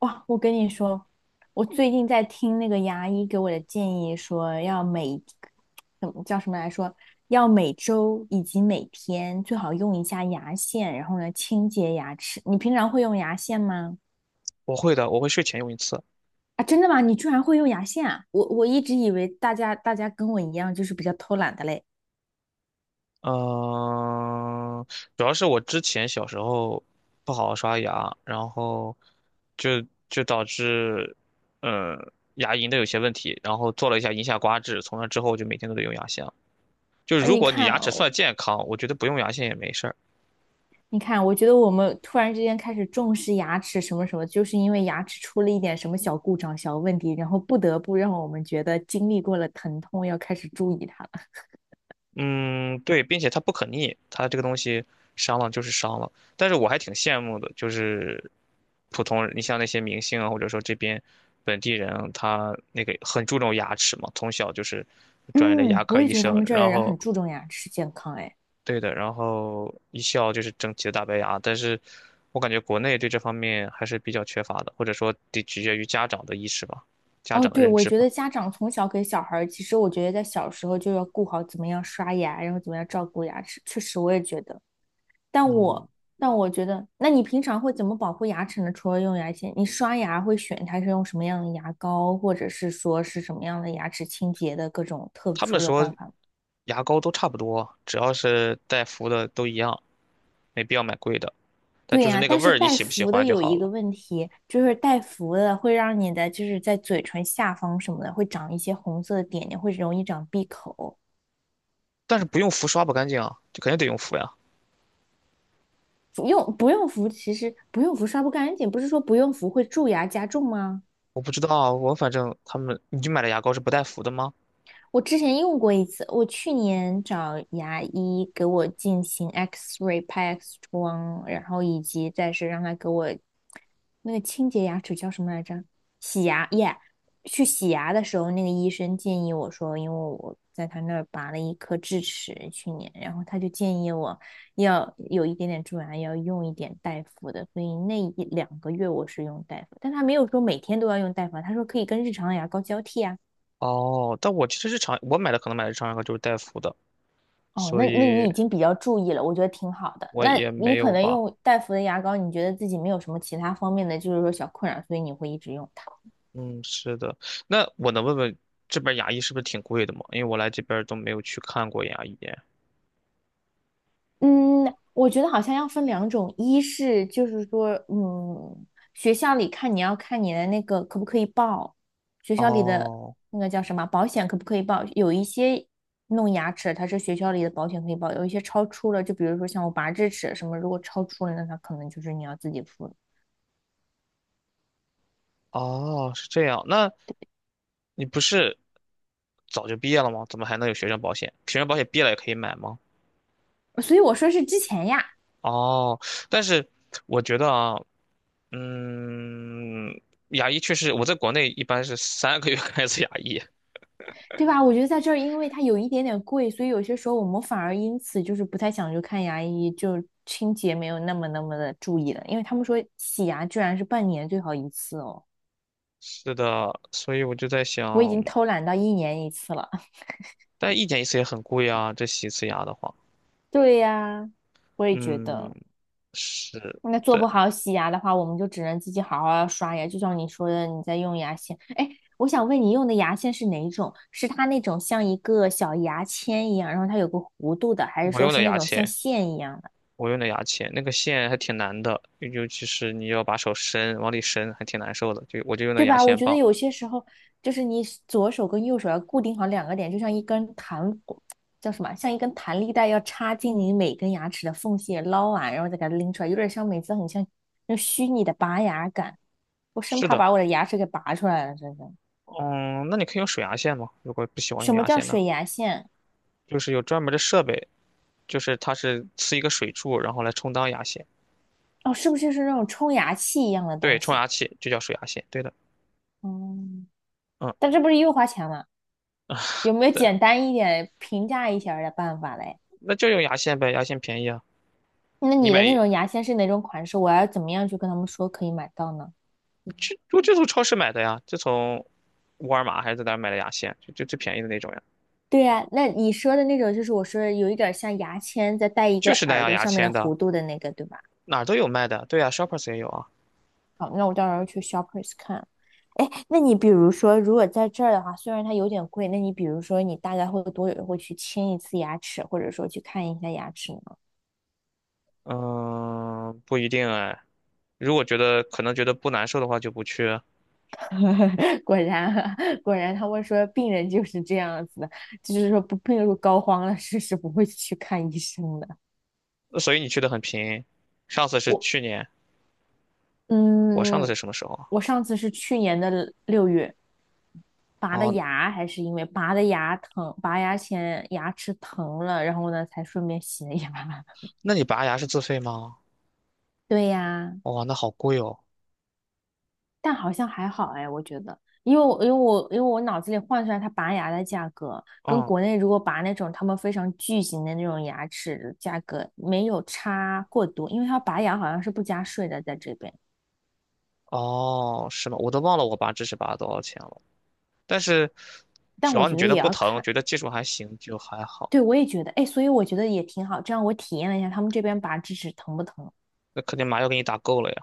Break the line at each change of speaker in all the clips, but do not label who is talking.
哇，我跟你说，我最近在听那个牙医给我的建议，说要每，怎么叫什么来说，要每周以及每天最好用一下牙线，然后呢清洁牙齿。你平常会用牙线吗？
我会的，我会睡前用一次。
啊，真的吗？你居然会用牙线啊？我一直以为大家跟我一样，就是比较偷懒的嘞。
嗯，主要是我之前小时候不好好刷牙，然后就就导致，呃，牙龈的有些问题，然后做了一下龈下刮治，从那之后就每天都得用牙线了，就是
啊，
如
你
果你
看
牙齿算
哦，
健康，我觉得不用牙线也没事儿。
你看，我觉得我们突然之间开始重视牙齿什么什么，就是因为牙齿出了一点什么小故障、小问题，然后不得不让我们觉得经历过了疼痛，要开始注意它了。
嗯，对，并且它不可逆，它这个东西伤了就是伤了。但是我还挺羡慕的，就是普通人，你像那些明星啊，或者说这边本地人啊他那个很注重牙齿嘛，从小就是专业的牙
嗯，我
科
也
医
觉得他
生，
们这儿的
然
人
后
很注重牙齿健康。哎，
对的，然后一笑就是整齐的大白牙。但是我感觉国内对这方面还是比较缺乏的，或者说得取决于家长的意识吧，家
哦，
长的
对，
认
我
知
觉
吧。
得家长从小给小孩儿，其实我觉得在小时候就要顾好怎么样刷牙，然后怎么样照顾牙齿。确实，我也觉得。但
嗯，
我但我觉得，那你平常会怎么保护牙齿呢？除了用牙线，你刷牙会选它是用什么样的牙膏，或者是说是什么样的牙齿清洁的各种特
他们
殊的
说
办法吗？
牙膏都差不多，只要是带氟的都一样。没必要买贵的。但
对
就是
呀，
那个
但
味
是
儿，你
带
喜不喜
氟的
欢就
有
好
一个
了。
问题，就是带氟的会让你的就是在嘴唇下方什么的会长一些红色的点点，会容易长闭口。
但是不用氟刷不干净啊，就肯定得用氟呀。
不用氟，其实不用氟刷不干净，不是说不用氟会蛀牙加重吗？
我不知道啊，我反正他们，你就买的牙膏是不带氟的吗？
我之前用过一次，我去年找牙医给我进行 X-ray 拍 X 光，然后以及再是让他给我那个清洁牙齿叫什么来着？洗牙耶去洗牙的时候，那个医生建议我说，因为我在他那儿拔了一颗智齿，去年，然后他就建议我要有一点点蛀牙，要用一点大夫的，所以那一两个月我是用大夫，但他没有说每天都要用大夫啊他说可以跟日常牙膏交替啊。
哦，但我其实日常我买的可能买的日常牙膏就是带氟的，
哦，
所
那你
以
已经比较注意了，我觉得挺好的。
我
那
也
你
没
可
有
能
吧。
用戴芙的牙膏，你觉得自己没有什么其他方面的，就是说小困扰，所以你会一直用它。
嗯，是的。那我能问问这边牙医是不是挺贵的吗？因为我来这边都没有去看过牙医。
嗯，我觉得好像要分两种，一是就是说，嗯，学校里看你要看你的那个可不可以报，学校里的
哦，
那个叫什么保险可不可以报？有一些弄牙齿它是学校里的保险可以报，有一些超出了，就比如说像我拔智齿什么，如果超出了，那它可能就是你要自己付的。
哦，是这样。那你不是早就毕业了吗？怎么还能有学生保险？学生保险毕业了也可以买吗？
所以我说是之前呀。
哦，但是我觉得啊，嗯，牙医确实，我在国内一般是三个月 看一次牙医。
对吧？我觉得在这儿，因为它有一点点贵，所以有些时候我们反而因此就是不太想去看牙医，就清洁没有那么的注意了。因为他们说洗牙居然是半年最好一次哦，
是的，所以我就在想，
我已经偷懒到一年一次了。
但一年一次也很贵啊，这洗一次牙的话，
对呀，我也觉
嗯，
得。
是
那做不
的，
好洗牙的话，我们就只能自己好好地刷牙。就像你说的，你在用牙线。哎，我想问你用的牙线是哪种？是它那种像一个小牙签一样，然后它有个弧度的，还是
我
说
用
是
的
那
牙
种像
签，
线一样？
我用的牙签，那个线还挺难的，尤其是你要把手伸往里伸，还挺难受的，就我就用的
对
牙
吧？我
线
觉得
棒。
有些时候就是你左手跟右手要固定好两个点，就像一根弹叫什么，像一根弹力带要插进你每根牙齿的缝隙捞完，然后再给它拎出来，有点像每次很像那虚拟的拔牙感。我生
是
怕
的，
把我的牙齿给拔出来了，真的。
嗯，那你可以用水牙线吗？如果不喜欢
什
用
么
牙
叫
线的，
水牙线？
就是有专门的设备，就是它是呲一个水柱，然后来充当牙线，
哦，是不是就是那种冲牙器一样的
对，
东
冲
西？
牙器就叫水牙线，对的，
嗯，
嗯，
但这不是又花钱吗？有没有
对，
简单一点平价一些儿的办法嘞？
那就用牙线呗，牙线便宜啊，
那
你
你的
买
那
就
种牙线是哪种款式？我要怎么样去跟他们说可以买到呢？
你这我就从超市买的呀，就从沃尔玛还是在哪儿买的牙线，就就最便宜的那种呀，
对呀，那你说的那种就是我说的有一点儿像牙签，再带一
就
个
是那
耳
样
朵
牙
上面的
签的，
弧度的那个，对吧？
哪儿都有卖的，对呀，Shoppers 也有啊，
好，那我到时候去 Shoppers 看。哎，那你比如说，如果在这儿的话，虽然它有点贵，那你比如说，你大概会多久会去清一次牙齿，或者说去看一下牙齿呢？
嗯，不一定哎，如果觉得可能觉得不难受的话就不去，
果然啊，果然，他们说病人就是这样子的，就是说不病入膏肓了，不会去看医生的。
那所以你去的很频，上次是
我
去年，我上次是
嗯，
什么时候啊？
我上次是去年的6月，拔的
哦，
牙，还是因为拔的牙疼，拔牙前牙齿疼了，然后呢才顺便洗了一牙。
那你拔牙是自费吗？
对呀，
哇、那好贵哦。
但好像还好哎，我觉得，因为我脑子里换算它拔牙的价格，跟
嗯，
国内如果拔那种他们非常巨型的那种牙齿的价格没有差过多，因为它拔牙好像是不加税的在这边，
哦，是吗？我都忘了我拔智齿拔了多少钱了。但是
但
只
我
要
觉
你
得
觉得
也
不
要
疼，
看。
觉得技术还行，就还好。
对，我也觉得，哎，所以我觉得也挺好，这样我体验了一下他们这边拔智齿疼不疼。
那肯定麻药给你打够了呀。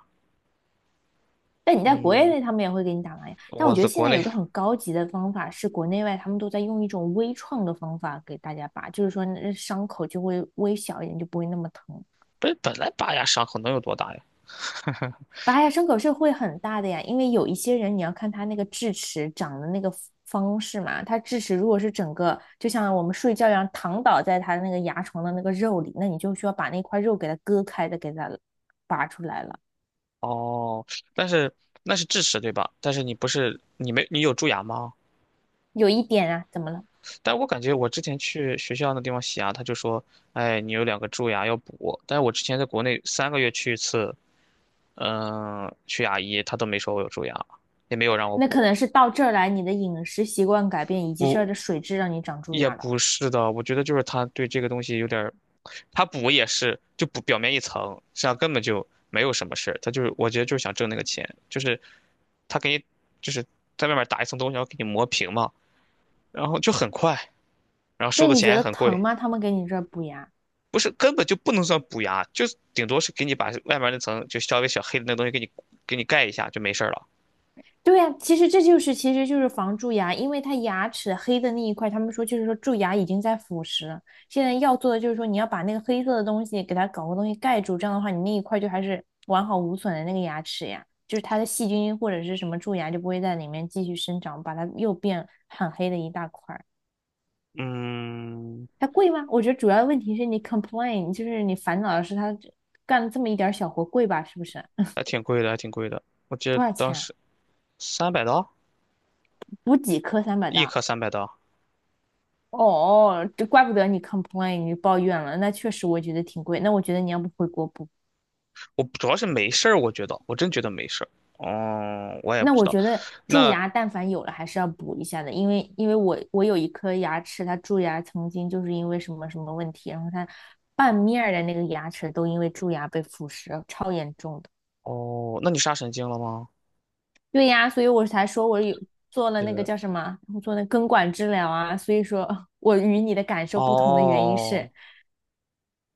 但你在国
嗯，
内他们也会给你打麻药，但我
我
觉得
在
现
国
在有
内
一个很高级的方法是，国内外他们都在用一种微创的方法给大家拔，就是说那伤口就会微小一点，就不会那么疼。
不是本来拔牙伤口能有多大呀？
拔牙伤口是会很大的呀，因为有一些人你要看他那个智齿长的那个方式嘛，他智齿如果是整个就像我们睡觉一样躺倒在他那个牙床的那个肉里，那你就需要把那块肉给它割开的，给它拔出来了。
哦，但是那是智齿对吧？但是你不是你没你有蛀牙吗？
有一点啊，怎么了？
但我感觉我之前去学校那地方洗牙，他就说，哎，你有两个蛀牙要补。但是我之前在国内三个月去一次，嗯、去牙医他都没说我有蛀牙，也没有让我
那可
补。
能是到这儿来，你的饮食习惯改变，以及这儿
不，
的水质让你长蛀
也
牙了。
不是的，我觉得就是他对这个东西有点儿，他补也是就补表面一层，实际上根本就没有什么事儿。他就是，我觉得就是想挣那个钱，就是他给你就是在外面打一层东西，然后给你磨平嘛，然后就很快，然后收
那
的
你
钱
觉
还
得
很
疼
贵，
吗？他们给你这儿补牙。
不是根本就不能算补牙，就是顶多是给你把外面那层就稍微小黑的那东西给你盖一下就没事儿了。
对呀、啊其实就是防蛀牙，因为它牙齿黑的那一块，他们说就是说蛀牙已经在腐蚀了。现在要做的就是说你要把那个黑色的东西给它搞个东西盖住，这样的话你那一块就还是完好无损的那个牙齿呀，就是它的细菌或者是什么蛀牙就不会在里面继续生长，把它又变很黑的一大块。
嗯，
它贵吗？我觉得主要的问题是你 complain，就是你烦恼的是它这干这么一点小活贵吧？是不是？
还挺贵的，还挺贵的，我记得
多少
当
钱啊？
时三百刀
补几颗300
一
大？
颗三百刀。
哦哦，这怪不得你 complain，你抱怨了。那确实，我觉得挺贵。那我觉得你要不回国补？
我主要是没事儿，我觉得我真觉得没事儿。哦，我也
那
不知
我
道。
觉得蛀
那
牙，但凡有了还是要补一下的，因为我有一颗牙齿，它蛀牙曾经就是因为什么什么问题，然后它半面儿的那个牙齿都因为蛀牙被腐蚀，超严重的。
哦，那你杀神经了吗？
对呀，所以我才说我有做了那个
是
叫什么，我做那根管治疗啊。所以说 我与你的感
哦，
受不同的原因是，
哦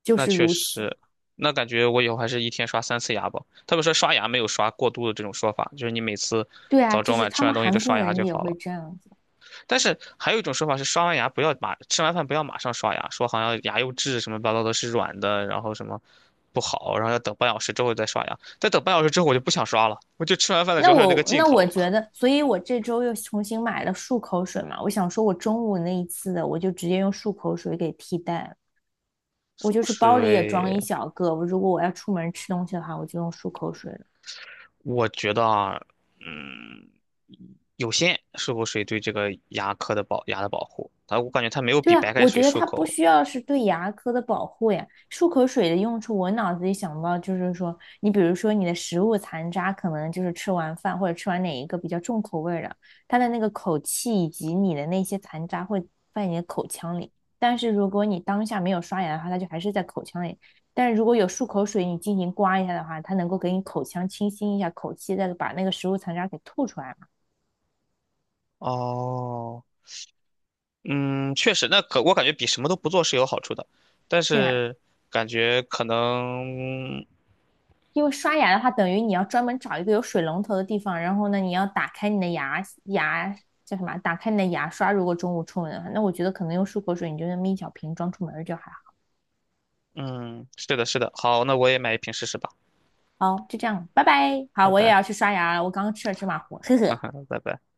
就
那
是
确
如此。
实，那感觉我以后还是一天刷三次牙吧。他们说刷牙没有刷过度的这种说法，就是你每次
对啊，
早
就
中
是
晚
他
吃完
们
东西就
韩国
刷牙
人
就
也
好
会
了。
这样子。
但是还有一种说法是刷完牙不要马，吃完饭不要马上刷牙，说好像牙釉质什么乱七八糟的是软的，然后什么不好，然后要等半小时之后再刷牙。再等半小时之后我就不想刷了，我就吃完饭的时候还有那个劲
那
头。
我觉得，所以我这周又重新买了漱口水嘛。我想说，我中午那一次的，我就直接用漱口水给替代了。我
漱
就
口
是包里也装
水，
一小个，我如果我要出门吃东西的话，我就用漱口水了。
我觉得啊，嗯，有限，漱口水对这个牙科的保牙的保护，它我感觉它没有
对
比白
啊，
开
我
水
觉得
漱
它不
口
需要是对牙科的保护呀。漱口水的用处，我脑子里想到就是说，你比如说你的食物残渣，可能就是吃完饭或者吃完哪一个比较重口味儿的，它的那个口气以及你的那些残渣会在你的口腔里。但是如果你当下没有刷牙的话，它就还是在口腔里。但是如果有漱口水，你进行刮一下的话，它能够给你口腔清新一下口气，再把那个食物残渣给吐出来嘛。
哦，嗯，确实，那可我感觉比什么都不做是有好处的，但
对啊，
是感觉可能，
因为刷牙的话，等于你要专门找一个有水龙头的地方，然后呢，你要打开你的牙叫什么？打开你的牙刷。如果中午出门的话，那我觉得可能用漱口水，你就那么一小瓶装出门就还好。
嗯，是的，是的，好，那我也买一瓶试试吧，
好，就这样，拜拜。好，
拜
我也
拜，
要去刷牙了，我刚刚吃了芝麻糊，呵
哈
呵。
哈，拜拜。